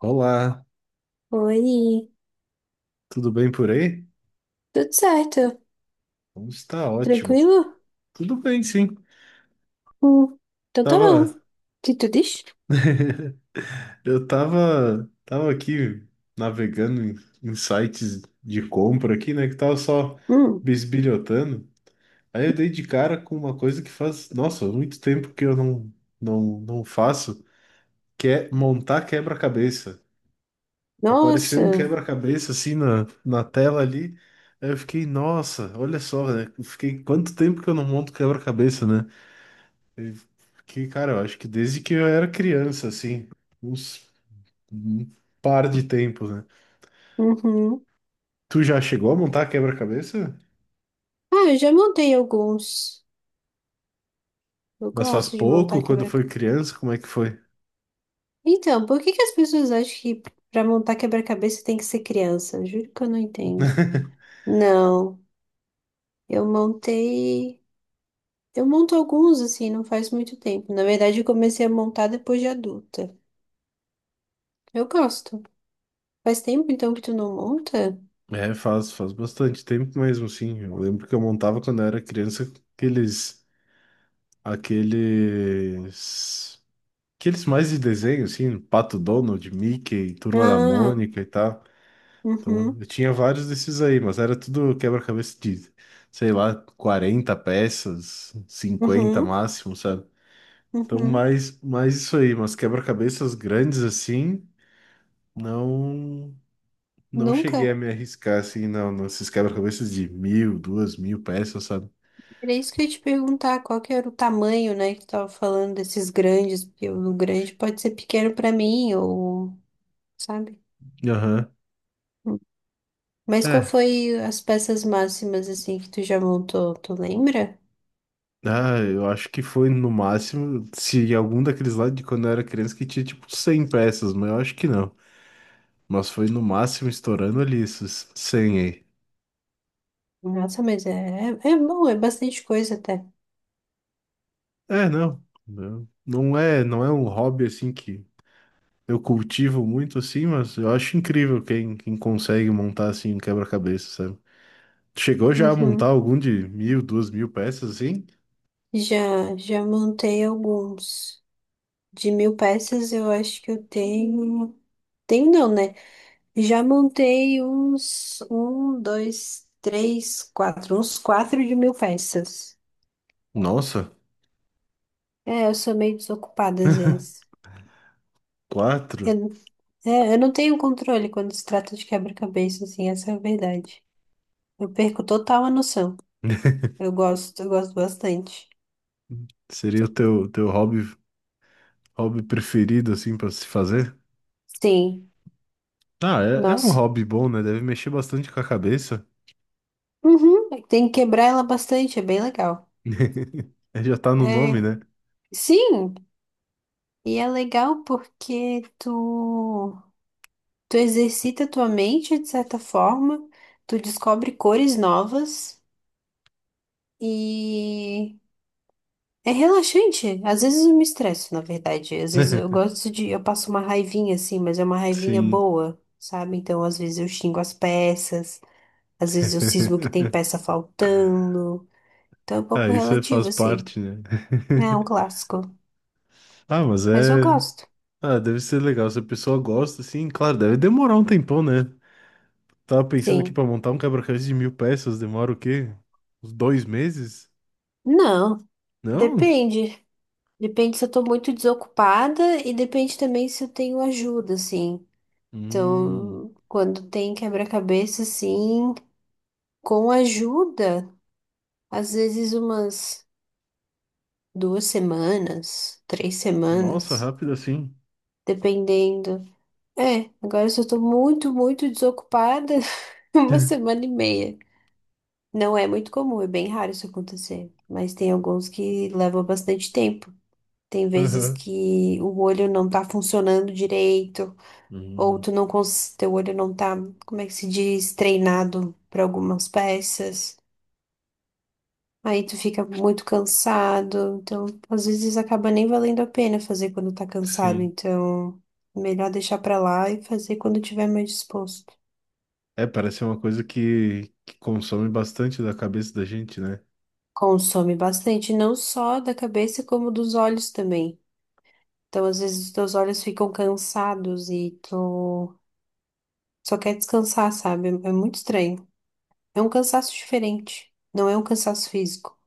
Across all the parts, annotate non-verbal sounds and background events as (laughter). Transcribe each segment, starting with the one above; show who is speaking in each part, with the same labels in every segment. Speaker 1: Olá,
Speaker 2: Oi,
Speaker 1: tudo bem por aí?
Speaker 2: tudo certo?
Speaker 1: Como está ótimo.
Speaker 2: Tranquilo?
Speaker 1: Tudo bem, sim.
Speaker 2: Hum, então tá bom.
Speaker 1: Tava,
Speaker 2: O que tu diz?
Speaker 1: eu tava aqui navegando em sites de compra aqui, né? Que tava só
Speaker 2: Hum,
Speaker 1: bisbilhotando. Aí eu dei de cara com uma coisa que faz, nossa, muito tempo que eu não faço, que é montar quebra-cabeça. Apareceu um
Speaker 2: nossa,
Speaker 1: quebra-cabeça assim na tela ali. Aí eu fiquei, nossa, olha só, né? eu Fiquei quanto tempo que eu não monto quebra-cabeça, né? Que, cara, eu acho que desde que eu era criança, assim, uns um par de tempos, né?
Speaker 2: uhum.
Speaker 1: Tu já chegou a montar quebra-cabeça?
Speaker 2: Ah, eu já montei alguns. Eu
Speaker 1: Mas faz
Speaker 2: gosto de
Speaker 1: pouco,
Speaker 2: montar
Speaker 1: quando
Speaker 2: quebra-cabeça.
Speaker 1: foi criança, como é que foi?
Speaker 2: Então, por que que as pessoas acham que pra montar quebra-cabeça tem que ser criança? Juro que eu não entendo. Não, eu montei. Eu monto alguns assim, não faz muito tempo. Na verdade, eu comecei a montar depois de adulta. Eu gosto. Faz tempo então que tu não monta?
Speaker 1: É, faz bastante tempo mesmo, sim. Eu lembro que eu montava quando eu era criança aqueles, aqueles, aqueles mais de desenho, assim, Pato Donald, Mickey, Turma da
Speaker 2: Ah,
Speaker 1: Mônica e tal. Então,
Speaker 2: uhum.
Speaker 1: eu tinha vários desses aí, mas era tudo quebra-cabeça de, sei lá, 40 peças, cinquenta
Speaker 2: Uhum,
Speaker 1: máximo, sabe? Então,
Speaker 2: uhum.
Speaker 1: mais isso aí, mas quebra-cabeças grandes assim, não não cheguei a
Speaker 2: Nunca.
Speaker 1: me arriscar assim, não, nesses quebra-cabeças de 1.000, 2.000 peças, sabe?
Speaker 2: Era isso que eu ia te perguntar, qual que era o tamanho, né, que tu tava falando desses grandes, porque o grande pode ser pequeno pra mim, ou, sabe?
Speaker 1: Aham.
Speaker 2: Hum. Mas qual
Speaker 1: É.
Speaker 2: foi as peças máximas, assim, que tu já montou, tu lembra?
Speaker 1: Ah, eu acho que foi no máximo, se algum daqueles lá de quando eu era criança que tinha tipo 100 peças, mas eu acho que não. Mas foi no máximo estourando ali esses 100 aí.
Speaker 2: Nossa, mas é bom, é bastante coisa até.
Speaker 1: É, não. Não é, não é um hobby assim que eu cultivo muito assim, mas eu acho incrível quem consegue montar assim um quebra-cabeça, sabe? Tu chegou já a montar
Speaker 2: Uhum.
Speaker 1: algum de 1.000, duas mil peças assim?
Speaker 2: Já montei alguns. De 1.000 peças, eu acho que eu tenho... Tenho não, né? Já montei uns um, dois, três, quatro, uns quatro de 1.000 peças.
Speaker 1: Nossa,
Speaker 2: É, eu sou meio desocupada às vezes.
Speaker 1: quatro?
Speaker 2: Eu, é, eu não tenho controle quando se trata de quebra-cabeça, assim, essa é a verdade. Eu perco total a noção. Eu gosto bastante.
Speaker 1: Seria o teu hobby, hobby preferido assim pra se fazer?
Speaker 2: Sim,
Speaker 1: Ah, é um
Speaker 2: nossa.
Speaker 1: hobby bom, né? Deve mexer bastante com a cabeça.
Speaker 2: Uhum, tem que quebrar ela bastante, é bem legal.
Speaker 1: (laughs) Já tá no nome,
Speaker 2: É,
Speaker 1: né?
Speaker 2: sim, e é legal porque tu exercita tua mente de certa forma, tu descobre cores novas e é relaxante. Às vezes eu me estresso, na verdade. Às vezes eu
Speaker 1: (laughs)
Speaker 2: gosto de, eu passo uma raivinha assim, mas é uma raivinha
Speaker 1: Sim.
Speaker 2: boa, sabe? Então às vezes eu xingo as peças, às vezes eu cismo que tem
Speaker 1: (laughs)
Speaker 2: peça faltando. Então é um
Speaker 1: Ah,
Speaker 2: pouco
Speaker 1: isso faz
Speaker 2: relativo assim.
Speaker 1: parte, né?
Speaker 2: É um
Speaker 1: (laughs)
Speaker 2: clássico,
Speaker 1: Ah, mas
Speaker 2: mas eu
Speaker 1: é.
Speaker 2: gosto.
Speaker 1: Ah, deve ser legal. Se a pessoa gosta, assim, claro, deve demorar um tempão, né? Tava pensando aqui
Speaker 2: Sim.
Speaker 1: pra montar um quebra-cabeça de 1.000 peças, demora o quê? Uns dois meses?
Speaker 2: Não,
Speaker 1: Não?
Speaker 2: depende. Depende se eu tô muito desocupada e depende também se eu tenho ajuda, assim.
Speaker 1: Hum,
Speaker 2: Então, quando tem quebra-cabeça, assim, com ajuda, às vezes umas 2 semanas, três
Speaker 1: nossa,
Speaker 2: semanas,
Speaker 1: rápido assim.
Speaker 2: dependendo. É, agora se eu tô muito, muito desocupada, (laughs) uma
Speaker 1: (laughs)
Speaker 2: semana e meia. Não é muito comum, é bem raro isso acontecer, mas tem alguns que levam bastante tempo. Tem vezes
Speaker 1: Aham.
Speaker 2: que o olho não tá funcionando direito, ou
Speaker 1: Hum,
Speaker 2: tu não cons... teu olho não tá, como é que se diz, treinado para algumas peças. Aí tu fica muito cansado, então às vezes acaba nem valendo a pena fazer quando tá cansado,
Speaker 1: sim.
Speaker 2: então melhor deixar pra lá e fazer quando tiver mais disposto.
Speaker 1: É, parece ser uma coisa que consome bastante da cabeça da gente, né?
Speaker 2: Consome bastante, não só da cabeça, como dos olhos também. Então às vezes os teus olhos ficam cansados e tu só quer descansar, sabe? É muito estranho. É um cansaço diferente, não é um cansaço físico,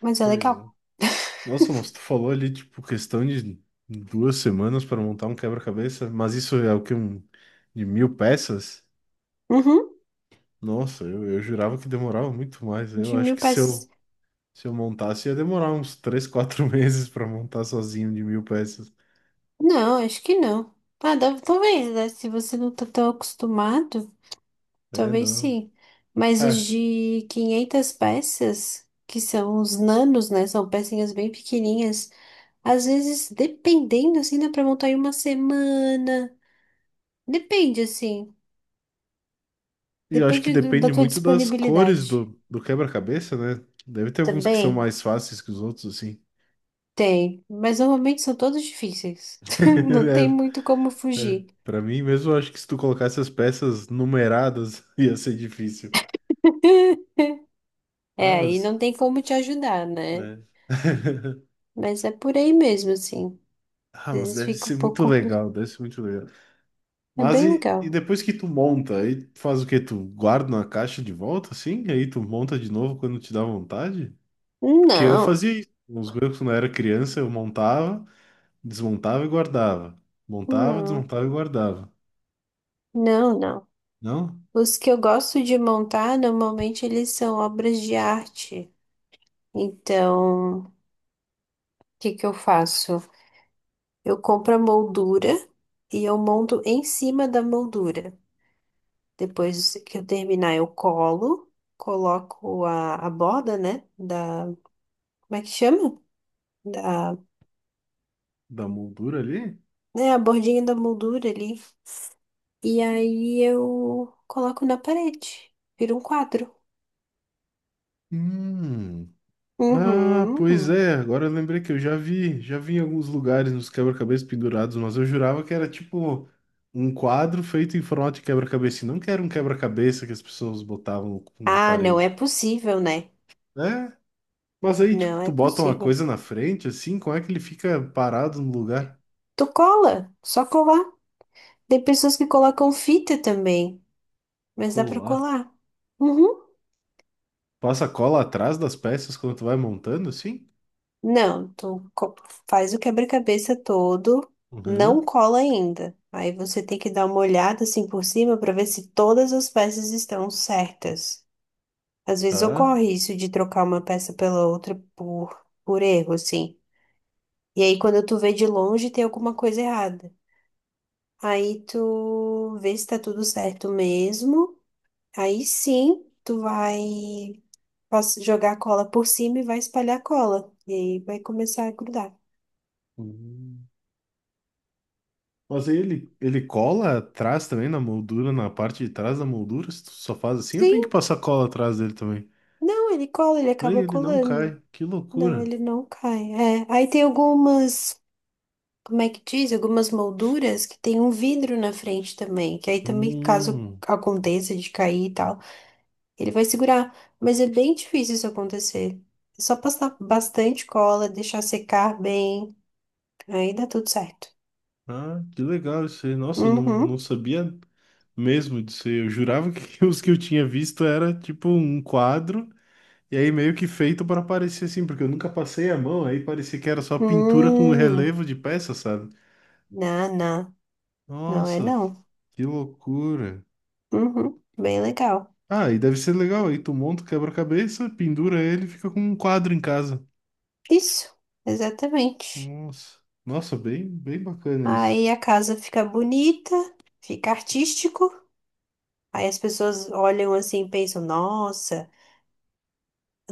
Speaker 2: mas é
Speaker 1: Pois
Speaker 2: legal.
Speaker 1: é.
Speaker 2: (laughs)
Speaker 1: Nossa, mas tu falou ali, tipo, questão de 2 semanas para montar um quebra-cabeça, mas isso é o que Um, de mil peças?
Speaker 2: Uhum,
Speaker 1: Nossa, eu jurava que demorava muito mais. Eu
Speaker 2: de
Speaker 1: acho
Speaker 2: 1.000
Speaker 1: que se
Speaker 2: peças.
Speaker 1: se eu montasse, ia demorar uns 3 4 (laughs) meses para montar sozinho de 1.000 peças.
Speaker 2: Não, acho que não. Ah, talvez, né? Se você não tá tão acostumado,
Speaker 1: É,
Speaker 2: talvez
Speaker 1: não.
Speaker 2: sim. Mas os
Speaker 1: É,
Speaker 2: de 500 peças, que são os nanos, né? São pecinhas bem pequenininhas. Às vezes, dependendo, assim, dá pra montar em uma semana. Depende, assim.
Speaker 1: e eu acho que
Speaker 2: Depende da
Speaker 1: depende
Speaker 2: tua
Speaker 1: muito das cores
Speaker 2: disponibilidade.
Speaker 1: do quebra-cabeça, né? Deve ter alguns que são
Speaker 2: Também?
Speaker 1: mais fáceis que os outros, assim.
Speaker 2: Tem. Mas normalmente são todos difíceis. (laughs) Não tem
Speaker 1: (laughs)
Speaker 2: muito como
Speaker 1: É, é.
Speaker 2: fugir.
Speaker 1: Pra mim mesmo, eu acho que se tu colocasse as peças numeradas, (laughs) ia ser difícil.
Speaker 2: (laughs) É,
Speaker 1: Ah,
Speaker 2: aí
Speaker 1: mas...
Speaker 2: não tem como te ajudar, né?
Speaker 1: né? (laughs)
Speaker 2: Mas é por aí mesmo, assim. Às
Speaker 1: Ah, mas
Speaker 2: vezes
Speaker 1: deve
Speaker 2: fica um
Speaker 1: ser
Speaker 2: pouco
Speaker 1: muito
Speaker 2: complicado.
Speaker 1: legal, deve ser muito legal.
Speaker 2: É
Speaker 1: Mas
Speaker 2: bem
Speaker 1: e
Speaker 2: legal.
Speaker 1: depois que tu monta, aí tu faz o quê? Tu guarda na caixa de volta, assim? Aí tu monta de novo quando te dá vontade? Porque eu
Speaker 2: Não,
Speaker 1: fazia isso. Nos meus, quando eu era criança, eu montava, desmontava e guardava. Montava,
Speaker 2: não,
Speaker 1: desmontava e guardava.
Speaker 2: não, não.
Speaker 1: Não?
Speaker 2: Os que eu gosto de montar, normalmente eles são obras de arte. Então, o que que eu faço? Eu compro a moldura e eu monto em cima da moldura. Depois que eu terminar, eu colo, coloco a borda, né? Da, como é que chama? Da,
Speaker 1: Da moldura ali?
Speaker 2: né, a bordinha da moldura ali. E aí eu coloco na parede. Vira um quadro.
Speaker 1: Hum. Ah, pois
Speaker 2: Uhum.
Speaker 1: é. Agora eu lembrei que eu já vi. Já vi em alguns lugares nos quebra-cabeças pendurados, mas eu jurava que era tipo um quadro feito em formato de quebra-cabeça. Não que era um quebra-cabeça que as pessoas botavam na
Speaker 2: Ah, não é
Speaker 1: parede.
Speaker 2: possível, né?
Speaker 1: É, mas aí, tipo,
Speaker 2: Não
Speaker 1: tu
Speaker 2: é
Speaker 1: bota uma
Speaker 2: possível.
Speaker 1: coisa na frente, assim, como é que ele fica parado no lugar?
Speaker 2: Tu cola, só colar. Tem pessoas que colocam fita também, mas dá pra
Speaker 1: Colar.
Speaker 2: colar. Uhum.
Speaker 1: Passa cola atrás das peças quando tu vai montando, assim?
Speaker 2: Não, faz o quebra-cabeça todo, não
Speaker 1: Uhum,
Speaker 2: cola ainda. Aí você tem que dar uma olhada assim por cima pra ver se todas as peças estão certas. Às vezes
Speaker 1: tá.
Speaker 2: ocorre isso de trocar uma peça pela outra por erro, assim. E aí, quando tu vê de longe, tem alguma coisa errada. Aí tu vê se tá tudo certo mesmo. Aí sim, tu vai jogar a cola por cima e vai espalhar a cola. E aí vai começar a grudar.
Speaker 1: Uhum. Mas aí ele cola atrás também na moldura, na parte de trás da moldura, se tu só faz assim, eu
Speaker 2: Sim,
Speaker 1: tenho que passar cola atrás dele também.
Speaker 2: não, ele cola, ele
Speaker 1: Aí
Speaker 2: acaba
Speaker 1: ele não
Speaker 2: colando.
Speaker 1: cai, que
Speaker 2: Não,
Speaker 1: loucura.
Speaker 2: ele não cai. É, aí tem algumas, como é que diz? Algumas molduras que tem um vidro na frente também. Que aí também, caso
Speaker 1: Hum,
Speaker 2: aconteça de cair e tal. Ele vai segurar, mas é bem difícil isso acontecer. É só passar bastante cola, deixar secar bem, aí dá tudo certo.
Speaker 1: ah, que legal isso aí. Nossa, eu não, não
Speaker 2: Uhum.
Speaker 1: sabia mesmo disso aí. Eu jurava que (laughs) os que eu tinha visto era tipo um quadro E aí meio que feito pra parecer assim, porque eu nunca passei a mão, aí parecia que era só pintura com
Speaker 2: Hum.
Speaker 1: relevo de peça, sabe?
Speaker 2: Não, não. Não é
Speaker 1: Nossa,
Speaker 2: não.
Speaker 1: que loucura.
Speaker 2: Uhum. Bem legal.
Speaker 1: Ah, e deve ser legal, aí tu monta o quebra-cabeça, pendura ele, e fica com um quadro em casa.
Speaker 2: Isso, exatamente.
Speaker 1: Nossa, bem, bem bacana isso.
Speaker 2: Aí a casa fica bonita, fica artístico. Aí as pessoas olham assim e pensam, nossa.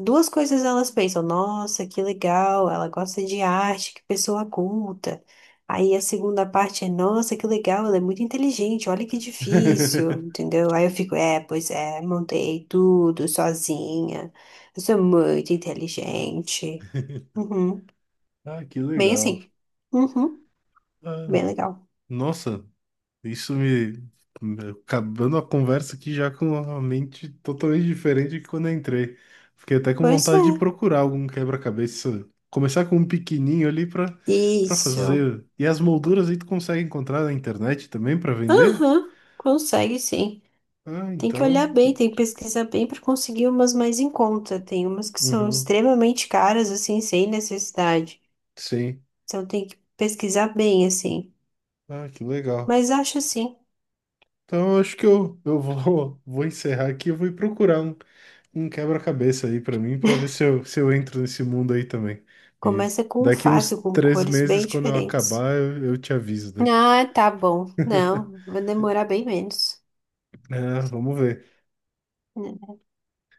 Speaker 2: Duas coisas elas pensam, nossa, que legal, ela gosta de arte, que pessoa culta. Aí a segunda parte é, nossa, que legal, ela é muito inteligente, olha que difícil,
Speaker 1: (laughs)
Speaker 2: entendeu? Aí eu fico, é, pois é, montei tudo sozinha, eu sou muito inteligente. Uhum.
Speaker 1: Ah, que
Speaker 2: Bem
Speaker 1: legal.
Speaker 2: assim, uhum.
Speaker 1: Ah,
Speaker 2: Bem legal.
Speaker 1: nossa, Isso me. Acabando a conversa aqui já com a mente totalmente diferente de quando eu entrei. Fiquei até com
Speaker 2: Pois
Speaker 1: vontade
Speaker 2: é,
Speaker 1: de procurar algum quebra-cabeça. Começar com um pequenininho ali pra, pra
Speaker 2: isso.
Speaker 1: fazer. E as molduras aí tu consegue encontrar na internet também pra vender?
Speaker 2: Aham, consegue sim.
Speaker 1: Ah,
Speaker 2: Tem que
Speaker 1: então.
Speaker 2: olhar bem, tem que pesquisar bem para conseguir umas mais em conta. Tem umas que são
Speaker 1: Uhum,
Speaker 2: extremamente caras, assim, sem necessidade.
Speaker 1: sim.
Speaker 2: Então tem que pesquisar bem, assim.
Speaker 1: Ah, que legal.
Speaker 2: Mas acho assim,
Speaker 1: Então eu acho que eu vou, (laughs) vou encerrar aqui e vou ir procurar um quebra-cabeça aí pra mim, pra ver se se eu entro nesse mundo aí também. E
Speaker 2: começa com um
Speaker 1: daqui uns
Speaker 2: fácil, com
Speaker 1: três
Speaker 2: cores bem
Speaker 1: meses, quando eu
Speaker 2: diferentes.
Speaker 1: acabar, eu te aviso daí.
Speaker 2: Ah, tá bom. Não, vai demorar bem menos.
Speaker 1: Ah, vamos ver.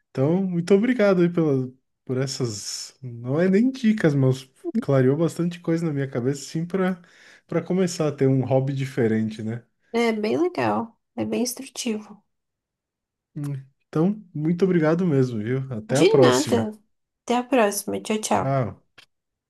Speaker 1: Então, muito obrigado aí por essas. Não é nem dicas, mas clareou bastante coisa na minha cabeça, sim, pra para começar a ter um hobby diferente, né?
Speaker 2: É bem legal, é bem instrutivo.
Speaker 1: Hum. Então, muito obrigado mesmo, viu? Até a
Speaker 2: De
Speaker 1: próxima.
Speaker 2: nada. Até a próxima. Tchau, tchau.
Speaker 1: Tchau.